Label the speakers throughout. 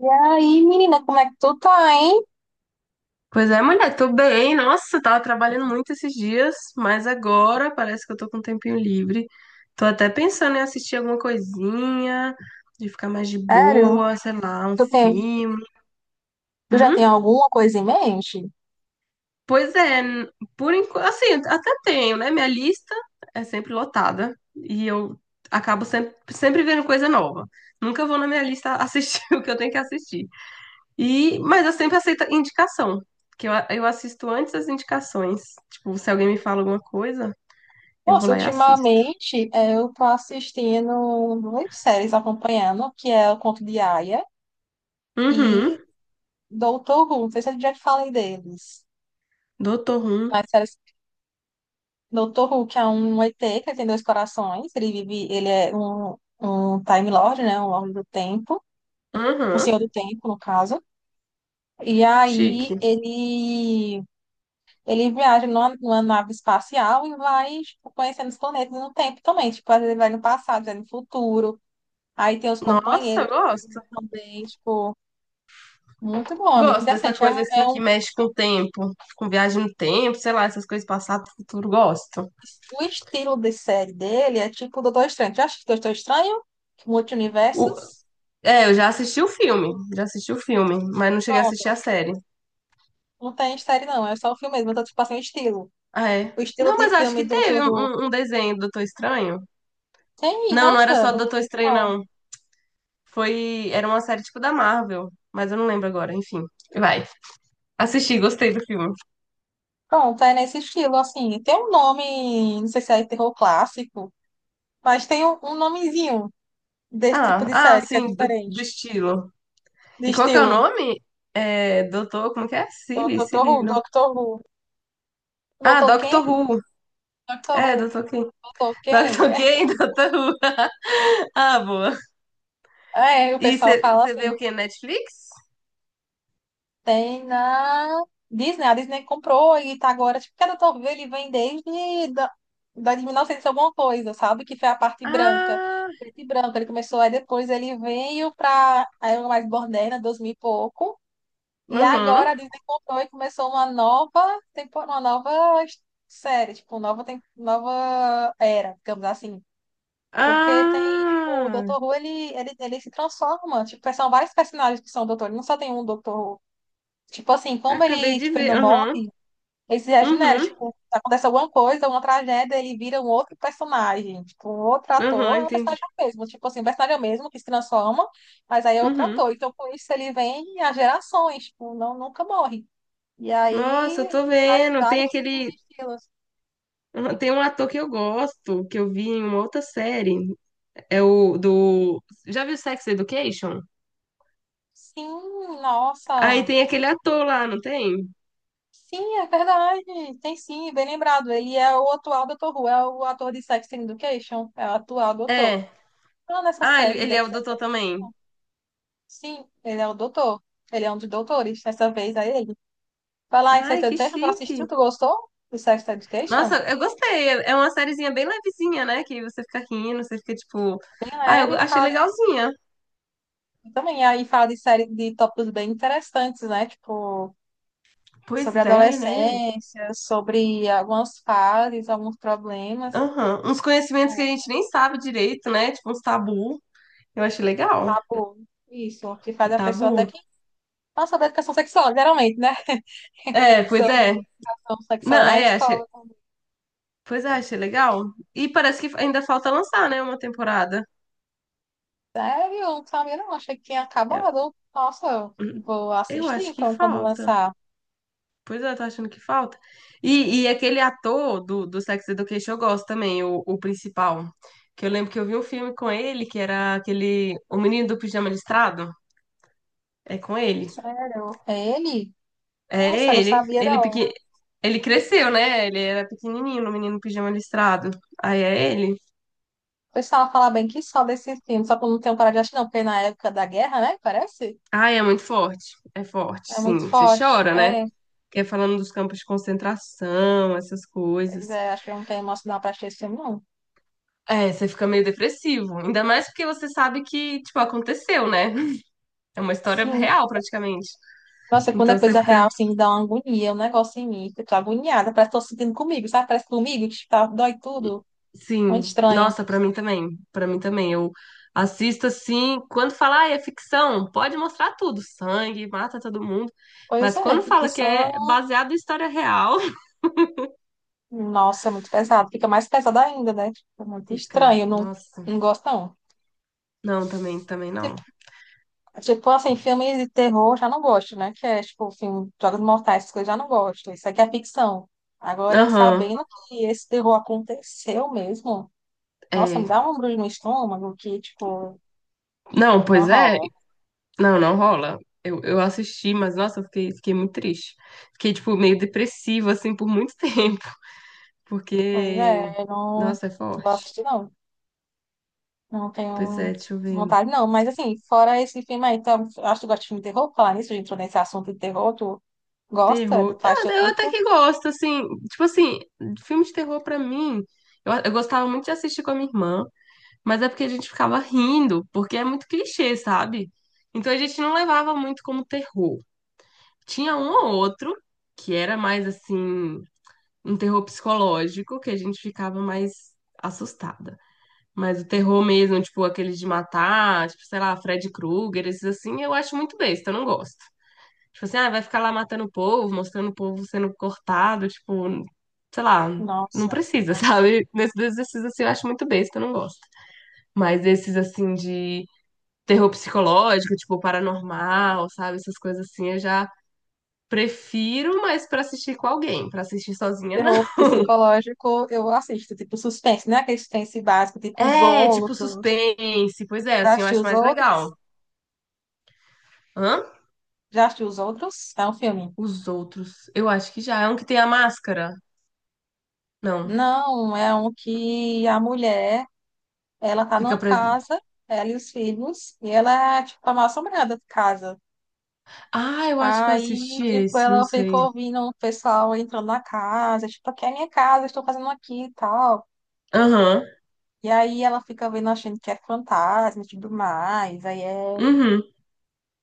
Speaker 1: E aí, menina, como é que tu tá, hein?
Speaker 2: Pois é, mulher, tô bem. Nossa, tava trabalhando muito esses dias, mas agora parece que eu tô com um tempinho livre. Tô até pensando em assistir alguma coisinha, de ficar mais de
Speaker 1: Sério?
Speaker 2: boa, sei lá, um
Speaker 1: Tu tem,
Speaker 2: filme.
Speaker 1: tu já
Speaker 2: Hum?
Speaker 1: tem alguma coisa em mente?
Speaker 2: Pois é, por enquanto, assim, até tenho, né? Minha lista é sempre lotada e eu acabo sempre vendo coisa nova. Nunca vou na minha lista assistir o que eu tenho que assistir. E, mas eu sempre aceito indicação, que eu assisto antes as indicações. Tipo, se alguém me fala alguma coisa, eu vou
Speaker 1: Nossa,
Speaker 2: lá e assisto.
Speaker 1: ultimamente eu tô assistindo muitas séries acompanhando, que é O Conto de Aia
Speaker 2: Uhum.
Speaker 1: e Doutor Who. Não sei se eu já te falei deles.
Speaker 2: Doutor Who.
Speaker 1: As séries Doutor Who, que é um ET que tem dois corações. Ele vive, um Time Lord, né? Um Lorde do Tempo. Um
Speaker 2: Uhum,
Speaker 1: Senhor do Tempo, no caso. E aí
Speaker 2: chique.
Speaker 1: ele viaja numa nave espacial e vai, tipo, conhecendo os planetas no tempo também. Tipo, às vezes ele vai no passado, vai no futuro. Aí tem os
Speaker 2: Nossa,
Speaker 1: companheiros
Speaker 2: eu gosto.
Speaker 1: também, tipo, muito bom, é muito
Speaker 2: Gosto dessa
Speaker 1: interessante.
Speaker 2: coisa assim que mexe com o tempo, com viagem no tempo, sei lá, essas coisas passado, futuro, gosto.
Speaker 1: O estilo de série dele é tipo Doutor Estranho. Já assistiu Doutor Estranho?
Speaker 2: O-
Speaker 1: Multiversos?
Speaker 2: é, eu já assisti o filme, já assisti o filme, mas não cheguei a assistir a
Speaker 1: Pronto.
Speaker 2: série.
Speaker 1: Não tem série, não. É só o filme mesmo. Eu tô, tipo, assim, o estilo.
Speaker 2: Ah,
Speaker 1: O
Speaker 2: é.
Speaker 1: estilo
Speaker 2: Não,
Speaker 1: de
Speaker 2: mas acho
Speaker 1: filme
Speaker 2: que
Speaker 1: do
Speaker 2: teve
Speaker 1: Doutor
Speaker 2: um,
Speaker 1: Who.
Speaker 2: um um desenho do Doutor Estranho.
Speaker 1: Tem,
Speaker 2: Não, não era
Speaker 1: nossa,
Speaker 2: só do Doutor Estranho,
Speaker 1: não.
Speaker 2: não. Foi, era uma série tipo da Marvel, mas eu não lembro agora, enfim. Vai. Assisti, gostei do filme.
Speaker 1: Pronto, é nesse estilo, assim. Tem um nome, não sei se é terror clássico, mas tem um nomezinho desse tipo
Speaker 2: Ah,
Speaker 1: de
Speaker 2: ah,
Speaker 1: série que é
Speaker 2: sim, do
Speaker 1: diferente.
Speaker 2: estilo.
Speaker 1: De
Speaker 2: E qual que é o
Speaker 1: estilo.
Speaker 2: nome? É, Doutor, como que é? Silly, Silly, não.
Speaker 1: Doctor Who.
Speaker 2: Ah,
Speaker 1: Doutor quem?
Speaker 2: Doctor Who.
Speaker 1: Doctor
Speaker 2: É,
Speaker 1: Who.
Speaker 2: Doutor quem?
Speaker 1: Doutor quem?
Speaker 2: Doctor
Speaker 1: É,
Speaker 2: quem?
Speaker 1: tipo,
Speaker 2: Doctor Who. Ah, boa.
Speaker 1: é, o
Speaker 2: E
Speaker 1: pessoal fala
Speaker 2: você vê
Speaker 1: assim.
Speaker 2: o quê? Netflix?
Speaker 1: Tem na Disney. A Disney comprou e tá agora. Tipo, cada Doctor Who ele vem da de 1900 alguma coisa, sabe? Que foi a parte branca.
Speaker 2: Ah,
Speaker 1: Preto e branco. Ele começou, aí depois ele veio pra a era mais moderna, 2000 e pouco. E
Speaker 2: uhum.
Speaker 1: agora a Disney comprou e começou uma nova temporada, série, tipo, nova, nova era, digamos assim. Porque tem, tipo, o
Speaker 2: Ah,
Speaker 1: Dr. Who, ele se transforma. Tipo, são vários personagens que são Dr. Ele não só tem um Dr. Who. Tipo assim, como
Speaker 2: acabei
Speaker 1: ele,
Speaker 2: de
Speaker 1: tipo, ele
Speaker 2: ver.
Speaker 1: não
Speaker 2: Aham,
Speaker 1: morre, ele se
Speaker 2: uhum,
Speaker 1: regenera.
Speaker 2: uhum,
Speaker 1: Tipo, acontece alguma coisa, uma tragédia, ele vira um outro personagem. Tipo, um outro
Speaker 2: aham,
Speaker 1: ator é um
Speaker 2: entendi.
Speaker 1: personagem mesmo. Tipo assim, um personagem é o mesmo que se transforma, mas aí é outro
Speaker 2: Uhum.
Speaker 1: ator. Então, com isso, ele vem a gerações. Tipo, não, nunca morre. E
Speaker 2: Nossa, eu
Speaker 1: aí,
Speaker 2: tô vendo. Tem
Speaker 1: vários tipos de
Speaker 2: aquele.
Speaker 1: estilos.
Speaker 2: Aham. Tem um ator que eu gosto, que eu vi em uma outra série. É o do. Já viu Sex Education?
Speaker 1: Sim,
Speaker 2: Aí
Speaker 1: nossa.
Speaker 2: tem aquele ator lá, não tem?
Speaker 1: Sim, é verdade. Tem sim, bem lembrado. Ele é o atual doutor Who, é o ator de Sex Education, é o atual doutor.
Speaker 2: É.
Speaker 1: Ah, nessa
Speaker 2: Ah,
Speaker 1: série
Speaker 2: ele é
Speaker 1: Dex.
Speaker 2: o doutor também.
Speaker 1: Sim, ele é o doutor. Ele é um dos doutores. Dessa vez é ele. Vai lá em Sex
Speaker 2: Ai, que
Speaker 1: Education, tu assistiu,
Speaker 2: chique.
Speaker 1: tu gostou do Sex
Speaker 2: Nossa,
Speaker 1: Education?
Speaker 2: eu gostei. É uma sériezinha bem levezinha, né? Que você fica rindo, você fica tipo. Ah,
Speaker 1: É,
Speaker 2: eu
Speaker 1: e
Speaker 2: achei
Speaker 1: fala,
Speaker 2: legalzinha.
Speaker 1: também aí fala de série de tópicos bem interessantes, né? Tipo, sobre a
Speaker 2: Pois é, né?
Speaker 1: adolescência, sobre algumas fases, alguns problemas,
Speaker 2: Aham. Uns conhecimentos que a gente
Speaker 1: tipo,
Speaker 2: nem sabe direito, né? Tipo uns tabu. Eu achei legal.
Speaker 1: tabu, isso, que faz a pessoa até
Speaker 2: Tabu.
Speaker 1: que fala sobre educação sexual, geralmente, né?
Speaker 2: É, pois é.
Speaker 1: Sobre educação
Speaker 2: Não,
Speaker 1: sexual na
Speaker 2: é, achei.
Speaker 1: escola.
Speaker 2: Pois é, achei legal. E parece que ainda falta lançar, né? Uma temporada.
Speaker 1: Sério, eu não sabia, não, achei que tinha
Speaker 2: Eu,
Speaker 1: acabado. Nossa, eu vou
Speaker 2: eu
Speaker 1: assistir
Speaker 2: acho que
Speaker 1: então quando
Speaker 2: falta.
Speaker 1: lançar.
Speaker 2: Pois é, eu tô achando que falta. E aquele ator do Sex Education eu gosto também, o principal. Que eu lembro que eu vi um filme com ele, que era aquele. O Menino do Pijama Listrado. É com ele.
Speaker 1: Sério, ele? Nossa, eu
Speaker 2: É
Speaker 1: não
Speaker 2: ele.
Speaker 1: sabia,
Speaker 2: Ele,
Speaker 1: não.
Speaker 2: pequen... ele cresceu, né? Ele era pequenininho, o Menino do Pijama Listrado. Aí é ele.
Speaker 1: O pessoal fala bem que só desse filme, só que eu não tenho parado de assistir, não, porque na época da guerra, né, parece?
Speaker 2: Ai, é muito forte. É forte,
Speaker 1: É muito
Speaker 2: sim. Você
Speaker 1: forte.
Speaker 2: chora, né?
Speaker 1: É,
Speaker 2: Que é falando dos campos de concentração, essas coisas.
Speaker 1: pois é, acho que eu não tenho emocional pra assistir esse filme, não.
Speaker 2: É, você fica meio depressivo. Ainda mais porque você sabe que, tipo, aconteceu, né? É uma história
Speaker 1: Sim.
Speaker 2: real, praticamente.
Speaker 1: Nossa, quando
Speaker 2: Então
Speaker 1: é
Speaker 2: você
Speaker 1: coisa
Speaker 2: fica,
Speaker 1: real, assim, me dá uma agonia, um negócio em mim. Que eu tô agoniada, parece que tô sentindo comigo, sabe? Parece que comigo, que tá, dói tudo. Muito
Speaker 2: sim.
Speaker 1: estranho.
Speaker 2: Nossa, pra mim também. Pra mim também. Eu assisto assim. Quando fala, ah, é ficção, pode mostrar tudo. Sangue, mata todo mundo.
Speaker 1: Pois
Speaker 2: Mas
Speaker 1: é,
Speaker 2: quando
Speaker 1: porque
Speaker 2: fala que
Speaker 1: só.
Speaker 2: é baseado em história real,
Speaker 1: Nossa, é muito pesado. Fica mais pesado ainda, né? Tipo, muito
Speaker 2: fica.
Speaker 1: estranho. Não,
Speaker 2: Nossa.
Speaker 1: não gosto, não.
Speaker 2: Não, também, também não.
Speaker 1: Tipo, tipo, assim, filmes de terror já não gosto, né? Que é, tipo, filme, Jogos Mortais, essas coisas já não gosto. Isso aqui é ficção. Agora,
Speaker 2: Aham.
Speaker 1: sabendo que esse terror aconteceu mesmo, nossa,
Speaker 2: É.
Speaker 1: me dá um embrulho no estômago que, tipo,
Speaker 2: Não,
Speaker 1: não
Speaker 2: pois é.
Speaker 1: rola.
Speaker 2: Não, não rola. Eu assisti, mas nossa, eu fiquei muito triste. Fiquei, tipo, meio depressiva, assim, por muito tempo.
Speaker 1: Pois
Speaker 2: Porque,
Speaker 1: é, eu não
Speaker 2: nossa, é
Speaker 1: vou
Speaker 2: forte.
Speaker 1: assistir, não. Não
Speaker 2: Pois
Speaker 1: tenho
Speaker 2: é, deixa eu ver.
Speaker 1: vontade, não. Mas, assim, fora esse filme aí, então, eu acho que tu gosta de filme de terror. Falar nisso, a gente entrou nesse assunto de terror. Tu gosta do
Speaker 2: Terror.
Speaker 1: faz teu
Speaker 2: Eu até
Speaker 1: tipo?
Speaker 2: que gosto, assim. Tipo assim, filme de terror pra mim. Eu gostava muito de assistir com a minha irmã, mas é porque a gente ficava rindo, porque é muito clichê, sabe? Então a gente não levava muito como terror. Tinha um ou outro que era mais assim. Um terror psicológico que a gente ficava mais assustada. Mas o terror mesmo, tipo, aqueles de matar, tipo, sei lá, Fred Krueger, esses assim, eu acho muito besta, eu não gosto. Tipo assim, ah, vai ficar lá matando o povo, mostrando o povo sendo cortado, tipo, sei lá, não
Speaker 1: Nossa.
Speaker 2: precisa, sabe? Nesses exercícios assim eu acho muito besta, eu não gosto. Mas esses assim de terror psicológico, tipo, paranormal, sabe? Essas coisas assim, eu já prefiro, mas pra assistir com alguém, pra assistir sozinha, não.
Speaker 1: Terror psicológico, eu assisto. Tipo, suspense, né? Aquele suspense básico, tipo Os
Speaker 2: É, tipo
Speaker 1: Outros.
Speaker 2: suspense. Pois é,
Speaker 1: Já
Speaker 2: assim eu
Speaker 1: assistiu
Speaker 2: acho
Speaker 1: Os
Speaker 2: mais
Speaker 1: Outros?
Speaker 2: legal. Hã?
Speaker 1: Já assistiu Os Outros? É um filme.
Speaker 2: Os outros. Eu acho que já. É um que tem a máscara. Não.
Speaker 1: Não, é um que a mulher, ela tá
Speaker 2: Fica
Speaker 1: numa
Speaker 2: preso.
Speaker 1: casa, ela e os filhos, e ela é, tipo, a mal-assombrada de casa.
Speaker 2: Ah, eu acho que eu
Speaker 1: Aí,
Speaker 2: assisti
Speaker 1: tipo,
Speaker 2: esse, não
Speaker 1: ela fica
Speaker 2: sei.
Speaker 1: ouvindo o pessoal entrando na casa, tipo, aqui é minha casa, estou fazendo aqui e tal.
Speaker 2: Aham.
Speaker 1: E aí ela fica vendo, achando que é fantasma e tudo mais. Aí é
Speaker 2: Uhum.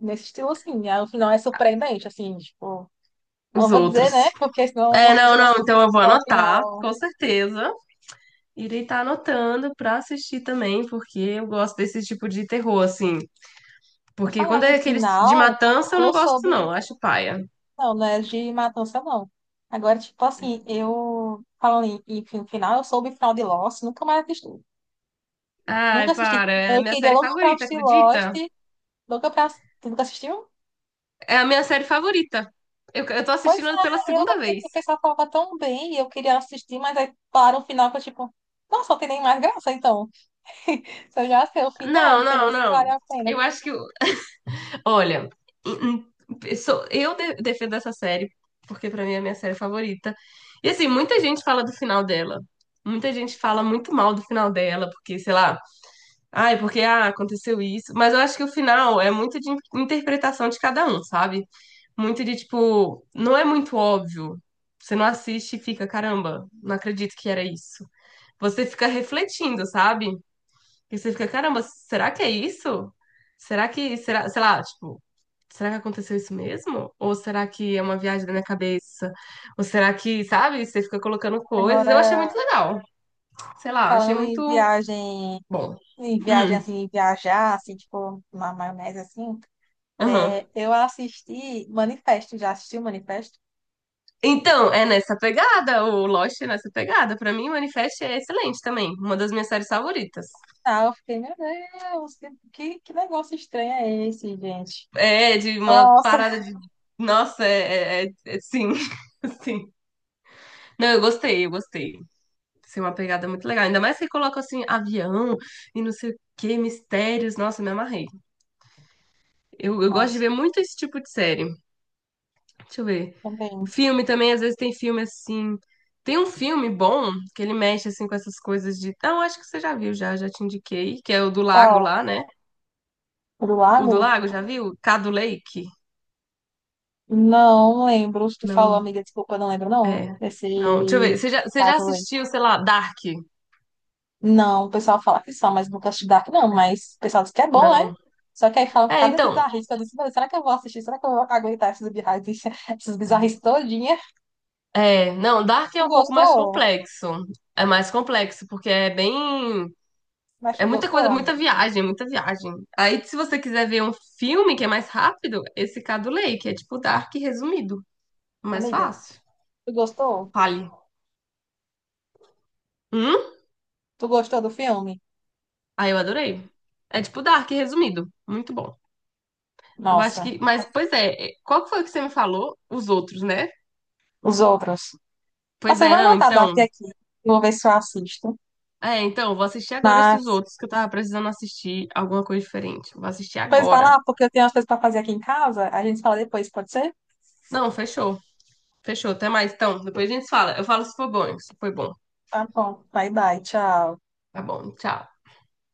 Speaker 1: nesse estilo assim. Aí o final é surpreendente, assim, tipo, não
Speaker 2: Os
Speaker 1: vou dizer,
Speaker 2: outros.
Speaker 1: né? Porque senão,
Speaker 2: É,
Speaker 1: se você
Speaker 2: não, não. Então
Speaker 1: assistir
Speaker 2: eu vou
Speaker 1: ao
Speaker 2: anotar,
Speaker 1: final.
Speaker 2: com certeza. Irei estar anotando pra assistir também, porque eu gosto desse tipo de terror, assim. Porque
Speaker 1: Falando
Speaker 2: quando
Speaker 1: em
Speaker 2: é aqueles de
Speaker 1: final,
Speaker 2: matança, eu não
Speaker 1: eu
Speaker 2: gosto,
Speaker 1: soube.
Speaker 2: não. Acho paia.
Speaker 1: Não, não é de matança, não. Agora, tipo assim, eu. Falando em, final, eu soube o final de Lost, nunca mais assisti. Nunca
Speaker 2: Ai,
Speaker 1: assisti.
Speaker 2: para. É a
Speaker 1: Eu
Speaker 2: minha
Speaker 1: queria
Speaker 2: série
Speaker 1: logo comprar
Speaker 2: favorita,
Speaker 1: o Lost.
Speaker 2: acredita?
Speaker 1: Nunca, pra- nunca assistiu?
Speaker 2: É a minha série favorita. Eu tô
Speaker 1: Pois
Speaker 2: assistindo ela pela
Speaker 1: é, eu
Speaker 2: segunda
Speaker 1: que
Speaker 2: vez.
Speaker 1: o pessoal falava tão bem e eu queria assistir, mas aí para o final que eu tipo, nossa, não tem nem mais graça então. Se eu já sei o final,
Speaker 2: Não,
Speaker 1: não sei nem
Speaker 2: não,
Speaker 1: se
Speaker 2: não.
Speaker 1: vale a pena.
Speaker 2: Eu acho que. Olha, em- defendo essa série, porque pra mim é a minha série favorita. E assim, muita gente fala do final dela. Muita gente fala muito mal do final dela, porque, sei lá, ai, porque ah, aconteceu isso. Mas eu acho que o final é muito de interpretação de cada um, sabe? Muito de tipo, não é muito óbvio. Você não assiste e fica, caramba, não acredito que era isso. Você fica refletindo, sabe? E você fica, caramba, será que é isso? Será que, será, sei lá, tipo, será que aconteceu isso mesmo? Ou será que é uma viagem da minha cabeça? Ou será que, sabe, você fica colocando coisas? Eu
Speaker 1: Agora,
Speaker 2: achei muito legal. Sei lá, achei
Speaker 1: falando
Speaker 2: muito bom.
Speaker 1: em viagem
Speaker 2: Hum,
Speaker 1: assim, viajar, assim, tipo, uma maionese assim,
Speaker 2: aham.
Speaker 1: é, eu assisti Manifesto, já assisti o Manifesto?
Speaker 2: Então, é nessa pegada, o Lost é nessa pegada. Pra mim, o Manifest é excelente também. Uma das minhas séries favoritas.
Speaker 1: Ah, eu fiquei, meu Deus, que negócio estranho é esse, gente?
Speaker 2: É, de uma
Speaker 1: Nossa,
Speaker 2: parada de. Nossa, sim, sim. Não, eu gostei, eu gostei. Assim, uma pegada muito legal. Ainda mais que coloca assim, avião e não sei o que, mistérios. Nossa, me amarrei. Eu, eu gosto de
Speaker 1: nossa,
Speaker 2: ver muito esse tipo de série. Deixa eu ver.
Speaker 1: também.
Speaker 2: Filme também, às vezes tem filme assim. Tem um filme bom que ele mexe assim com essas coisas de. Não, acho que você já viu, já te indiquei, que é o do lago
Speaker 1: Qual?
Speaker 2: lá, né?
Speaker 1: O do
Speaker 2: O do
Speaker 1: lago?
Speaker 2: lago, já viu? Cadu Lake?
Speaker 1: Não lembro. Se tu falou,
Speaker 2: Não,
Speaker 1: amiga, desculpa, não lembro, não.
Speaker 2: é.
Speaker 1: Desse
Speaker 2: Não, deixa eu ver. Você já
Speaker 1: caso aí.
Speaker 2: assistiu, sei lá, Dark?
Speaker 1: Não, o pessoal fala que são, mas nunca assisti Dark, não.
Speaker 2: É,
Speaker 1: Mas o pessoal diz que é bom, né?
Speaker 2: não.
Speaker 1: Só que aí falam
Speaker 2: É,
Speaker 1: cada
Speaker 2: então.
Speaker 1: bizarrice. Eu disse, "Meu, será que eu vou assistir? Será que eu vou aguentar essas bizarrices, essas bizarrices
Speaker 2: É.
Speaker 1: todinha?"
Speaker 2: É, não, Dark é
Speaker 1: Tu
Speaker 2: um pouco mais
Speaker 1: gostou?
Speaker 2: complexo. É mais complexo, porque é bem.
Speaker 1: Mas
Speaker 2: É
Speaker 1: tu
Speaker 2: muita
Speaker 1: gostou,
Speaker 2: coisa, muita
Speaker 1: amiga?
Speaker 2: viagem, muita viagem. Aí, se você quiser ver um filme que é mais rápido, esse Cadulei, que é tipo Dark resumido. Mais
Speaker 1: Amiga,
Speaker 2: fácil.
Speaker 1: tu gostou?
Speaker 2: Fale. Hum?
Speaker 1: Tu gostou do filme?
Speaker 2: Aí eu adorei. É tipo Dark resumido. Muito bom. Eu acho
Speaker 1: Nossa,
Speaker 2: que. Mas, pois é, é, qual que foi que você me falou? Os outros, né?
Speaker 1: os outros.
Speaker 2: Pois
Speaker 1: Nossa, eu
Speaker 2: é,
Speaker 1: vou
Speaker 2: não,
Speaker 1: anotar Dark
Speaker 2: então.
Speaker 1: aqui. Vou ver se eu assisto.
Speaker 2: É, então, vou assistir agora esses
Speaker 1: Mas,
Speaker 2: outros que eu tava precisando assistir alguma coisa diferente. Vou assistir
Speaker 1: pois vai
Speaker 2: agora.
Speaker 1: lá, porque eu tenho umas coisas pra fazer aqui em casa. A gente fala depois, pode ser?
Speaker 2: Não, fechou. Fechou, até mais. Então, depois a gente fala. Eu falo se for bom, se foi bom.
Speaker 1: Tá bom. Bye, bye. Tchau.
Speaker 2: Tá bom, tchau.